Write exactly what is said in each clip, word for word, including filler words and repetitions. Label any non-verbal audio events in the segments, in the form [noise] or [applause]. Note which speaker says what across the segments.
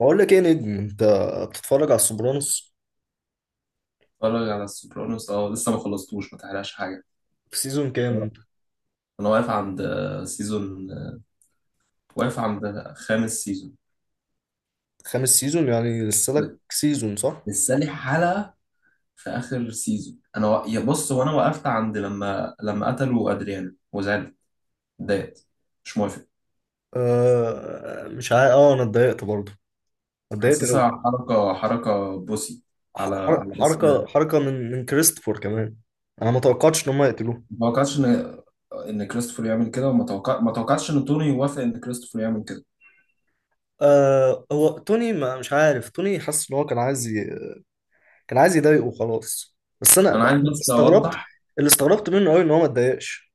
Speaker 1: بقول لك ايه يا نجم، انت بتتفرج على السوبرانوس؟
Speaker 2: اتفرج على السوبرانوس، اه، لسه ما خلصتوش، ما تحرقش حاجه.
Speaker 1: في سيزون كام
Speaker 2: آه،
Speaker 1: انت؟
Speaker 2: انا واقف عند سيزون، واقف عند خامس سيزون.
Speaker 1: خامس سيزون، يعني لسه لك سيزون صح؟
Speaker 2: لسه لي حلقه في اخر سيزون، انا و... يا بص، وانا وقفت عند لما لما قتلوا ادريانا وزعلت. اتضايقت. مش موافق.
Speaker 1: آه مش عارف، اه انا اتضايقت برضه. اتضايقت قوي.
Speaker 2: حاسسها حركه حركه بوسي، على على
Speaker 1: حركه
Speaker 2: اسم.
Speaker 1: حركه من من كريستوفر كمان. انا ما توقعتش ان هم يقتلوه.
Speaker 2: ما توقعتش ان ان كريستوفر يعمل كده، وما توقع... ما توقعتش ان توني يوافق ان كريستوفر يعمل كده.
Speaker 1: آه، هو توني ما مش عارف. توني حاسس ان هو كان عايز ي... كان عايز يضايقه خلاص. بس انا
Speaker 2: انا
Speaker 1: أنا
Speaker 2: عايز بس
Speaker 1: استغربت.
Speaker 2: اوضح.
Speaker 1: اللي استغربت منه قوي ان هو ما اتضايقش.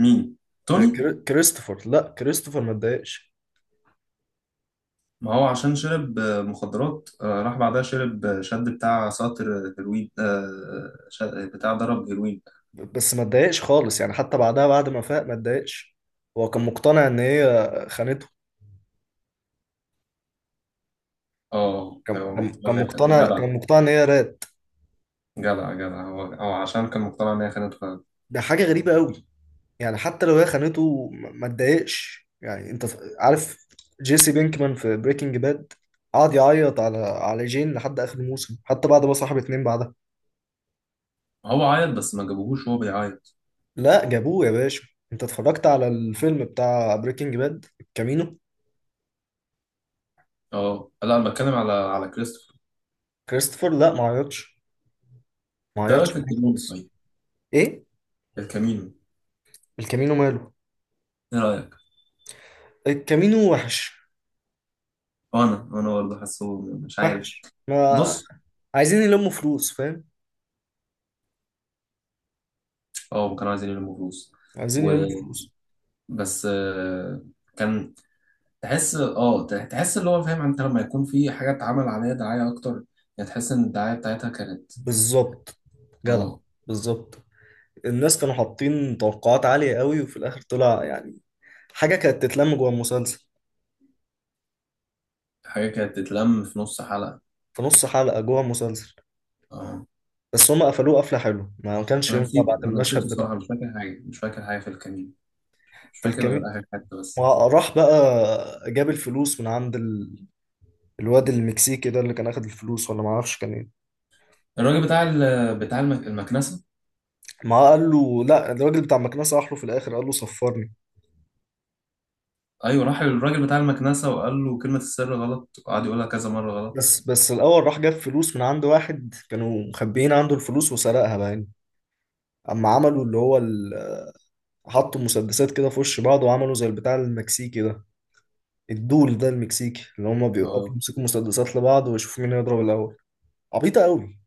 Speaker 2: مين؟
Speaker 1: آه،
Speaker 2: توني؟
Speaker 1: كري- كريستوفر. لا كريستوفر ما اتضايقش.
Speaker 2: ما هو عشان شرب آه، مخدرات، آه، راح بعدها شرب، آه، شد بتاع ساطر هيروين، آه، ش- بتاع ضرب هيروين.
Speaker 1: بس ما اتضايقش خالص يعني، حتى بعدها بعد ما فاق ما اتضايقش. هو كان مقتنع ان هي خانته.
Speaker 2: اه،
Speaker 1: كان
Speaker 2: هو
Speaker 1: كان
Speaker 2: مقتنع
Speaker 1: كان
Speaker 2: ان هي خ-
Speaker 1: مقتنع
Speaker 2: جدع.
Speaker 1: كان مقتنع ان هي رات.
Speaker 2: جدع، جدع، هو هو عشان كان مقتنع ان هي خانته فعلا.
Speaker 1: ده حاجه غريبه قوي. يعني حتى لو هي خانته ما ما اتضايقش، يعني انت ف- عارف. جيسي بينكمان في بريكنج باد قعد يعيط على على جين لحد اخر الموسم، حتى بعد ما صاحب اتنين بعدها.
Speaker 2: هو عيط بس ما جابوهوش وهو بيعيط.
Speaker 1: لا جابوه يا باشا، انت اتفرجت على الفيلم بتاع بريكنج باد الكامينو؟
Speaker 2: اه، لا، انا بتكلم على على كريستوفر.
Speaker 1: كريستوفر لا، ما عيطش. ما
Speaker 2: ايه رايك
Speaker 1: عيطش
Speaker 2: في الكامينو؟
Speaker 1: خالص.
Speaker 2: طيب.
Speaker 1: ايه،
Speaker 2: الكامينو؟
Speaker 1: الكامينو ماله؟
Speaker 2: ايه رايك؟
Speaker 1: الكامينو وحش.
Speaker 2: انا انا برضه حاسه، مش عارف.
Speaker 1: وحش، ما...
Speaker 2: بص.
Speaker 1: عايزين يلموا فلوس فاهم؟
Speaker 2: اه، كانوا عايزين يلموا فلوس
Speaker 1: عايزين يلموا فلوس.
Speaker 2: وبس. آه، كان تحس اه تح- تحس اللي هو فاهم، انت لما يكون في حاجة اتعمل عليها دعاية اكتر، يعني تحس ان الدعاية بتاعتها كانت
Speaker 1: بالظبط. جدع.
Speaker 2: اه
Speaker 1: بالظبط. الناس كانوا حاطين توقعات عالية قوي، وفي الآخر طلع يعني حاجة كانت تتلم جوه المسلسل.
Speaker 2: حاجة كانت تتلم في نص حلقة.
Speaker 1: في نص حلقة جوه المسلسل.
Speaker 2: اه،
Speaker 1: بس هما قفلوه قفلة حلوة. ما كانش
Speaker 2: انا
Speaker 1: ينفع بعد
Speaker 2: نسيته، انا نسيته
Speaker 1: المشهد بتاع
Speaker 2: الصراحة، مش فاكر حاجة، مش فاكر حاجة في الكمين، مش
Speaker 1: في
Speaker 2: فاكر غير
Speaker 1: الكمين.
Speaker 2: اخر حتة بس.
Speaker 1: راح بقى جاب الفلوس من عند ال... الواد المكسيكي ده، اللي كان اخد الفلوس ولا ما اعرفش كان ايه.
Speaker 2: الراجل بتاع ال... بتاع المك... المكنسة.
Speaker 1: ما قال له، لا، الراجل بتاع المكنسة راح له في الآخر قال له صفرني.
Speaker 2: ايوه، راح للراجل بتاع المكنسة وقال له كلمة السر غلط، وقعد يقولها كذا مرة غلط.
Speaker 1: بس بس الأول راح جاب فلوس من عند واحد كانوا مخبيين عنده الفلوس، وسرقها بقى يعني. أما عملوا اللي هو ال... حطوا مسدسات كده في وش بعض وعملوا زي البتاع المكسيكي ده. الدول ده المكسيكي اللي هما بيوقفوا
Speaker 2: اه،
Speaker 1: يمسكوا مسدسات لبعض ويشوفوا مين هيضرب الأول. عبيطة قوي،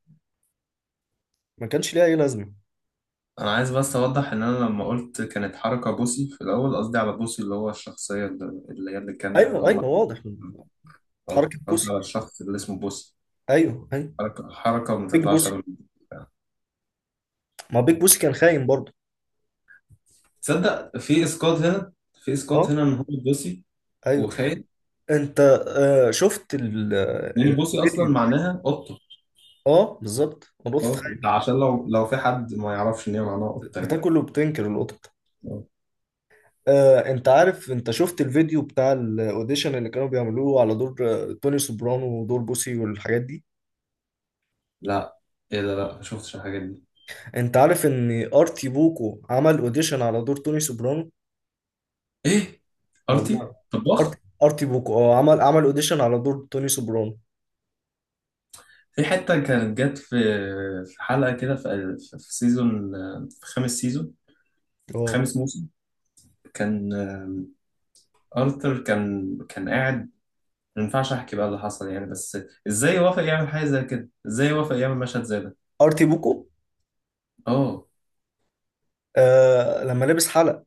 Speaker 1: ما كانش ليها أي لازمة.
Speaker 2: انا عايز بس اوضح ان انا لما قلت كانت حركة بوسي في الاول، قصدي على بوسي اللي هو الشخصية اللي اللي هي اللي كانت اللي
Speaker 1: أيوه، أيوه،
Speaker 2: هم.
Speaker 1: واضح من
Speaker 2: اه،
Speaker 1: حركة
Speaker 2: قصدي
Speaker 1: بوسي.
Speaker 2: على الشخص اللي اسمه بوس.
Speaker 1: أيوه، أيوه.
Speaker 2: حركة حركة، ما
Speaker 1: بيج
Speaker 2: تطلعش على
Speaker 1: بوسي.
Speaker 2: البتاع.
Speaker 1: ما بيج بوسي كان خاين برضه.
Speaker 2: تصدق في اسقاط هنا، في اسقاط
Speaker 1: أه.
Speaker 2: هنا ان هو بوسي
Speaker 1: أيوه.
Speaker 2: وخاين،
Speaker 1: أنت... آه، شفت ال...
Speaker 2: لان بوسي اصلا
Speaker 1: الفيديو.
Speaker 2: معناها قطة.
Speaker 1: أه، بالظبط، القطط
Speaker 2: اه،
Speaker 1: خاينة.
Speaker 2: ده عشان لو لو في حد ما يعرفش ان هي معناها قطة يعني.
Speaker 1: بتاكل وبتنكر القطط.
Speaker 2: آه.
Speaker 1: آه، انت عارف، انت شفت الفيديو بتاع الاوديشن اللي كانوا بيعملوه على دور آه، توني سوبرانو ودور بوسي والحاجات دي؟
Speaker 2: لا. ايه ده؟ لا، ما شفتش الحاجات دي.
Speaker 1: انت عارف ان ارتي بوكو عمل اوديشن على دور توني سوبرانو؟
Speaker 2: ايه؟
Speaker 1: والله،
Speaker 2: ارتي
Speaker 1: ارتي
Speaker 2: طباخ؟
Speaker 1: ارتي بوكو اه عمل عمل اوديشن على دور توني سوبرانو
Speaker 2: في حتة كانت جت في في حلقة كده، في في في سيزون، في خامس سيزون،
Speaker 1: اه
Speaker 2: خامس موسم. كان آه، ارثر كان كان قاعد. ما ينفعش احكي بقى اللي حصل يعني، بس ازاي وافق يعمل حاجه زي كده؟ ازاي وافق يعمل مشهد زي ده؟
Speaker 1: ارتي بوكو.
Speaker 2: اه.
Speaker 1: آه لما لبس حلق.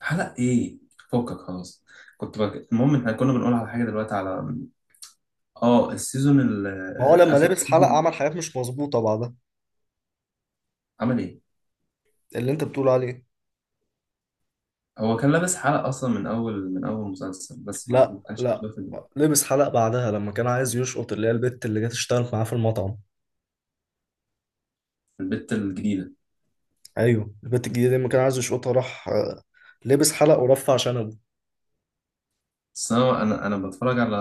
Speaker 2: حلق ايه؟ فكك خلاص. كنت بك... المهم احنا كنا بنقول على حاجه دلوقتي، على اه السيزون ال...
Speaker 1: ما هو لما
Speaker 2: اخر
Speaker 1: لبس حلق
Speaker 2: سيزون.
Speaker 1: عمل حاجات مش مظبوطة بعدها.
Speaker 2: عمل ايه؟
Speaker 1: اللي انت بتقول عليه.
Speaker 2: هو كان لابس حلق اصلا من اول من اول مسلسل، بس ما
Speaker 1: لا،
Speaker 2: ما كانش
Speaker 1: لا،
Speaker 2: موجود في ال-
Speaker 1: لبس حلق بعدها لما كان عايز يشقط اللي هي البت اللي جت اشتغلت معاه في المطعم.
Speaker 2: في البت الجديده.
Speaker 1: ايوه، البت الجديده دي لما كان عايز يشقطها راح آه، لابس حلق ورفع شنبه.
Speaker 2: بس انا انا أنا بتفرج على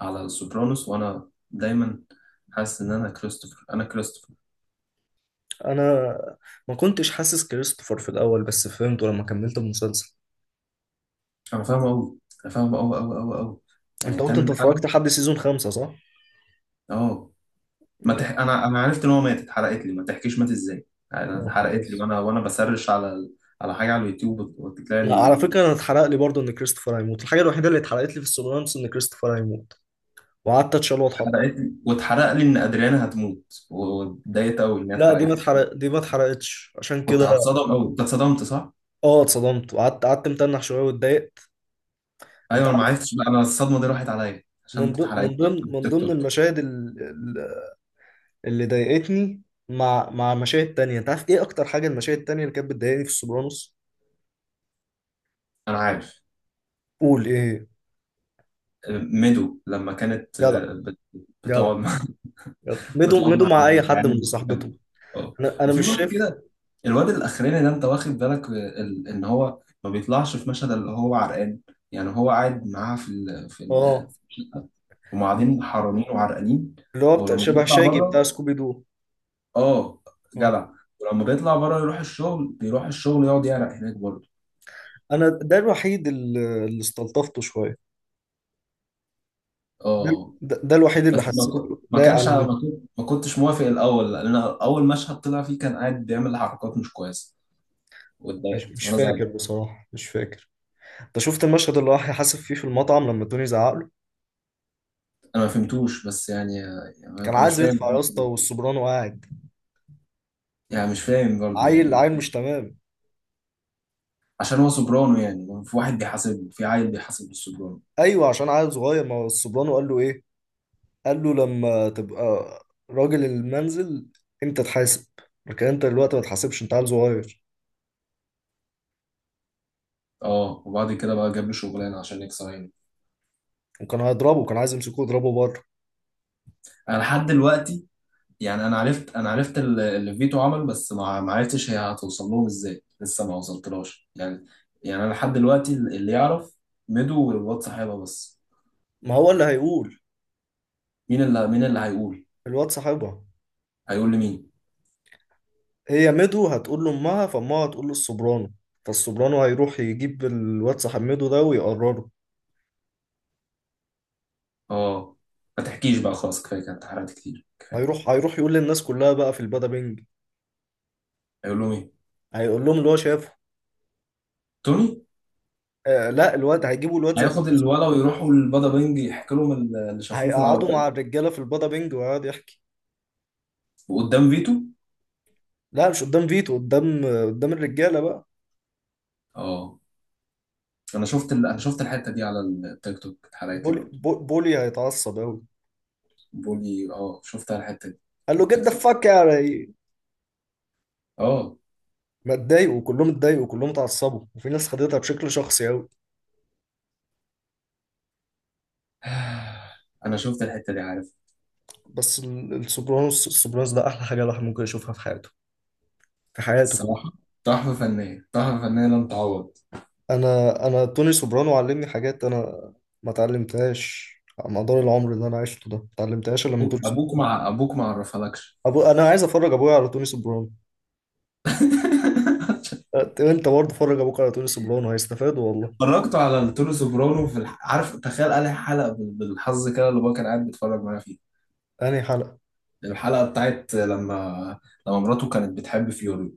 Speaker 2: على السوبرانوس، وانا دايما حاسس ان انا كريستوفر، انا كريستوفر.
Speaker 1: انا ما كنتش حاسس كريستوفر في الاول، بس فهمته لما كملت المسلسل.
Speaker 2: انا فاهمه قوي، انا فاهمه قوي قوي قوي قوي، يعني
Speaker 1: انت قلت انت
Speaker 2: تامن
Speaker 1: اتفرجت
Speaker 2: حلقه.
Speaker 1: لحد سيزون خمسة صح؟
Speaker 2: اه، ما تح... انا انا عرفت ان هو مات، اتحرقت لي، ما تحكيش مات ازاي. يعني، انا
Speaker 1: اه،
Speaker 2: اتحرقت لي،
Speaker 1: خلاص.
Speaker 2: وانا وانا بسرش على ال- على حاجه على اليوتيوب وت- وتطلع
Speaker 1: لا، على
Speaker 2: لي.
Speaker 1: فكره، انا اتحرق لي برضه ان كريستوفر هيموت. الحاجه الوحيده اللي اتحرقت لي في السوبرانوس ان كريستوفر هيموت، وقعدت اتشال واتحط.
Speaker 2: اتحرقت لي، واتحرق لي ان ادريانا هتموت، واتضايقت قوي ان هي
Speaker 1: لا، دي ما
Speaker 2: اتحرقت لي.
Speaker 1: اتحرق، دي ما اتحرقتش عشان
Speaker 2: كنت
Speaker 1: كده.
Speaker 2: هتصدم قوي. انت اتصدمت، صح؟
Speaker 1: اه، اتصدمت وقعدت قعدت متنح شويه واتضايقت.
Speaker 2: ايوه،
Speaker 1: انت
Speaker 2: انا ما
Speaker 1: عارف،
Speaker 2: عرفتش بقى، انا الصدمه دي راحت عليا عشان
Speaker 1: من ضمن
Speaker 2: اتحرقت
Speaker 1: من
Speaker 2: لي من
Speaker 1: ضمن من
Speaker 2: التيك
Speaker 1: ضمن
Speaker 2: توك.
Speaker 1: المشاهد ال- اللي ضايقتني مع مع مشاهد تانية، انت عارف ايه اكتر حاجه المشاهد التانية اللي كانت بتضايقني في السوبرانوس؟
Speaker 2: انا عارف.
Speaker 1: قول، ايه هي؟
Speaker 2: ميدو لما كانت
Speaker 1: جدع،
Speaker 2: آه، بت-
Speaker 1: جدع،
Speaker 2: بتقعد مع
Speaker 1: جدع.
Speaker 2: [laughs]
Speaker 1: مدوا
Speaker 2: بتقعد
Speaker 1: مدوا
Speaker 2: مع
Speaker 1: مع اي حد من
Speaker 2: العيال.
Speaker 1: صاحبتهم.
Speaker 2: اه،
Speaker 1: انا انا
Speaker 2: وفي
Speaker 1: مش
Speaker 2: وقت
Speaker 1: شايف.
Speaker 2: كده الواد الاخراني ده، انت واخد بالك ال- ان هو ما بيطلعش في مشهد اللي هو عرقان، يعني هو قاعد معاها في ال في ال،
Speaker 1: اه،
Speaker 2: هم قاعدين حرانين وعرقانين.
Speaker 1: اللي هو بتاع
Speaker 2: ولما
Speaker 1: شبه
Speaker 2: بيطلع
Speaker 1: شاجي بتاع
Speaker 2: بره،
Speaker 1: سكوبي دو.
Speaker 2: اه،
Speaker 1: اه،
Speaker 2: جدع. ولما بيطلع بره يروح الشغل، بيروح الشغل يقعد يعرق هناك برضه.
Speaker 1: انا ده الوحيد اللي اللي استلطفته شويه. ده,
Speaker 2: اه،
Speaker 1: ده, ده الوحيد اللي
Speaker 2: بس ما كنت
Speaker 1: حسيته
Speaker 2: ما
Speaker 1: لايق
Speaker 2: كانش
Speaker 1: على
Speaker 2: ما
Speaker 1: مدوا.
Speaker 2: كنت ما كنتش موافق الاول، لان اول مشهد طلع فيه كان قاعد بيعمل حركات مش كويسه،
Speaker 1: مش,
Speaker 2: واتضايقت
Speaker 1: مش
Speaker 2: وانا
Speaker 1: فاكر
Speaker 2: زعلت.
Speaker 1: بصراحه، مش فاكر. انت شفت المشهد اللي راح يحاسب فيه في المطعم لما توني زعق له؟
Speaker 2: انا ما فهمتوش بس يعني, يعني
Speaker 1: كان
Speaker 2: انا مش
Speaker 1: عايز يدفع
Speaker 2: فاهم.
Speaker 1: يا اسطى والسوبرانو قاعد.
Speaker 2: يعني مش فاهم برضه
Speaker 1: عيل
Speaker 2: يعني.
Speaker 1: عيل مش تمام.
Speaker 2: عشان هو سوبرانو يعني، في واحد بيحاسبه، في عيل بيحاسب السوبرانو؟
Speaker 1: ايوه، عشان عيل صغير. ما هو السوبرانو قال له ايه؟ قال له، لما تبقى راجل المنزل انت تحاسب، لكن انت دلوقتي ما تحاسبش، انت عيل صغير.
Speaker 2: اه، وبعد كده بقى جاب له شغلانه عشان يكسر عينه.
Speaker 1: وكان هيضربه، كان عايز يمسكه يضربه بره.
Speaker 2: انا لحد دلوقتي يعني، انا عرفت، انا عرفت ال- اللي فيتو عمله، بس ما ما عرفتش هي هتوصل لهم ازاي، لسه ما وصلتلهاش يعني. يعني انا لحد دلوقتي اللي يعرف ميدو والواد صاحبها بس.
Speaker 1: ما هو اللي هيقول.
Speaker 2: مين اللي مين اللي هيقول؟
Speaker 1: الواد صاحبها.
Speaker 2: هيقول لمين؟
Speaker 1: هي ميدو هتقول لامها، فامها هتقول للسوبرانو. فالسوبرانو هيروح يجيب الواد صاحب ميدو ده ويقرره.
Speaker 2: اه، ما تحكيش بقى، خلاص، كفايه، كانت حرقت كتير كفايه.
Speaker 1: هيروح هيروح يقول للناس كلها بقى في البادا بينج.
Speaker 2: هيقول لهم ايه؟
Speaker 1: هيقول لهم اللي هو شافه.
Speaker 2: توني؟
Speaker 1: آه، لا، الواد هيجيبوا الواد ذات
Speaker 2: هياخد
Speaker 1: نفسه.
Speaker 2: الولا ويروحوا البادا بينج يحكي لهم اللي شافوه في
Speaker 1: هيقعدوا مع
Speaker 2: العربيه؟
Speaker 1: الرجاله في البادا بينج ويقعد يحكي.
Speaker 2: وقدام فيتو؟
Speaker 1: لا مش قدام فيتو، قدام قدام الرجاله بقى.
Speaker 2: اه، انا شفت ال... انا شفت الحته دي على التيك توك، اتحرقت لي
Speaker 1: بولي
Speaker 2: برضه.
Speaker 1: بو- بولي هيتعصب قوي.
Speaker 2: بيقول لي اه، شفتها الحته دي
Speaker 1: قال
Speaker 2: على
Speaker 1: له جد
Speaker 2: التيك
Speaker 1: ذا
Speaker 2: توك؟
Speaker 1: فاك يعني.
Speaker 2: اه.
Speaker 1: ما اتضايقوا كلهم؟ اتضايقوا كلهم، اتعصبوا، وفي ناس خدتها بشكل شخصي قوي.
Speaker 2: [sighs] انا شفت الحته دي، عارف.
Speaker 1: بس ال- السوبرانوس السوبرانوس ده احلى حاجه الواحد ممكن يشوفها في حياته. في حياته كله.
Speaker 2: الصراحه، تحفه فنيه، تحفه فنيه لن تعوض.
Speaker 1: انا انا توني سوبرانو علمني حاجات، انا ما اتعلمتهاش. على مدار العمر اللي انا عشته ده ما اتعلمتهاش الا من توني
Speaker 2: ابوك
Speaker 1: سوبرانو.
Speaker 2: مع ابوك ما عرفلكش.
Speaker 1: أبو... انا عايز افرج ابويا على توني سوبرانو.
Speaker 2: [laughs]
Speaker 1: أت- انت برضه فرج ابوك على توني سوبرانو هيستفادوا والله.
Speaker 2: اتفرجت على التونو سوبرانو في الح... عارف، تخيل قال حلقه بال- بالحظ كده اللي هو كان قاعد بيتفرج معايا فيه.
Speaker 1: انهي حلقه؟
Speaker 2: الحلقه بتاعت لما لما مراته كانت بتحب فيوري،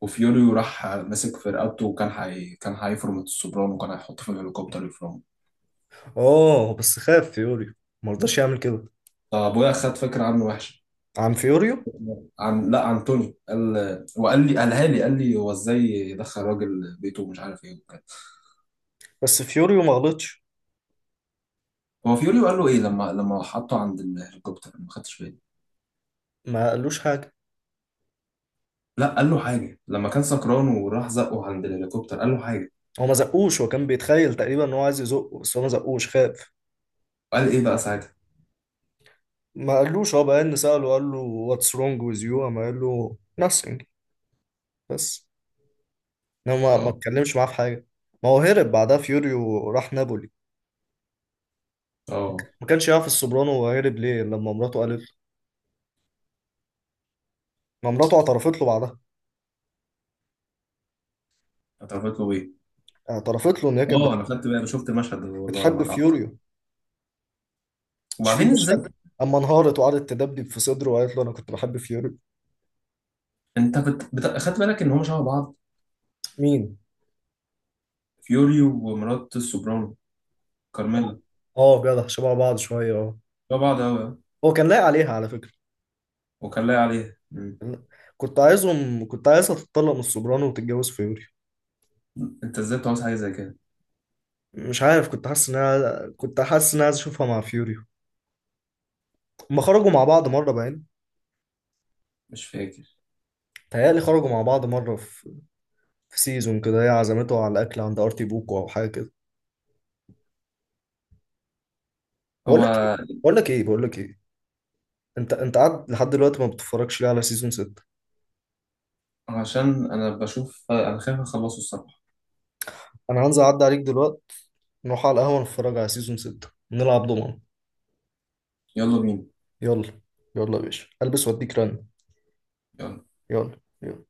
Speaker 2: وفيوريو راح مسك في رقبته، وكان حي... كان هيفرم السوبرانو، وكان هيحطه في الهليكوبتر يفرمه.
Speaker 1: اه بس خاف فيوريو، ما رضاش يعمل كده.
Speaker 2: فابويا خد فكره عنه وحشه.
Speaker 1: عن فيوريو.
Speaker 2: عن، لا، عن توني. قال، وقال لي، قالها لي، قال لي هو ازاي يدخل راجل بيته ومش عارف ايه وكده.
Speaker 1: بس فيوريو ما غلطش.
Speaker 2: هو فيوريو قال له ايه لما لما حطه عند الهليكوبتر؟ أنا ما خدتش بالي.
Speaker 1: ما قالوش حاجه.
Speaker 2: لا، قال له حاجه لما كان سكران وراح زقه عند الهليكوبتر، قال له حاجه.
Speaker 1: هو ما زقوش، هو كان بيتخيل تقريبا ان هو عايز يزقه، بس هو ما زقوش، خاف.
Speaker 2: وقال ايه بقى ساعتها؟
Speaker 1: ما قالوش. هو بقى سأله قال له what's wrong with you، قام قال له nothing. بس. انما ما ما
Speaker 2: اه،
Speaker 1: اتكلمش معاه في حاجه. ما هو هرب بعدها فيوريو راح نابولي.
Speaker 2: اه،
Speaker 1: ما كانش يعرف السوبرانو هو هرب ليه، لما مراته قالت له. ما مراته اعترفت له بعدها.
Speaker 2: اتعرفت له ايه؟
Speaker 1: اعترفت له ان هي كانت
Speaker 2: اه، انا
Speaker 1: بتحب.
Speaker 2: خدت بالي، انا شفت المشهد ده والله لما
Speaker 1: بتحب
Speaker 2: اتعرفت.
Speaker 1: فيوريو. مش في
Speaker 2: وبعدين ازاي؟
Speaker 1: مشهد؟ اما انهارت وقعدت تدبدب في صدره وقالت له انا كنت بحب فيوري.
Speaker 2: انت بت... بت... خدت بالك ان هم شبه بعض؟
Speaker 1: مين؟
Speaker 2: فيوري ومرات السوبرانو، كارميلا.
Speaker 1: اه، جدع شبه بعض شويه اه
Speaker 2: لا، بعض أوي، أه.
Speaker 1: هو كان لايق عليها على فكره.
Speaker 2: وكان لاقي عليها. مم.
Speaker 1: كنت عايزهم كنت عايزها تتطلق من السوبرانو وتتجوز فيوري.
Speaker 2: أنت إزاي بتعوز حاجة زي كده؟
Speaker 1: مش عارف، كنت حاسس ان انا كنت حاسس ان انا عايز اشوفها مع فيوري. هما خرجوا مع بعض مره باين.
Speaker 2: مش فاكر.
Speaker 1: تهيألي خرجوا مع بعض مره في, في سيزون كده، هي عزمته على الاكل عند ارتي بوكو او حاجه كده. بقول
Speaker 2: هو
Speaker 1: لك ايه بقول لك ايه بقول لك ايه انت انت قاعد لحد دلوقتي، ما بتتفرجش ليه على سيزون ستة؟
Speaker 2: عشان أنا بشوف، أنا خايف أخلصه الصراحة.
Speaker 1: انا هنزل اعدي عليك دلوقتي، نروح على القهوة نتفرج على سيزون ستة نلعب ضمان.
Speaker 2: يلا بينا.
Speaker 1: يلا، يلا يا باشا، البس واديك رن.
Speaker 2: يلا
Speaker 1: يلا، يلا.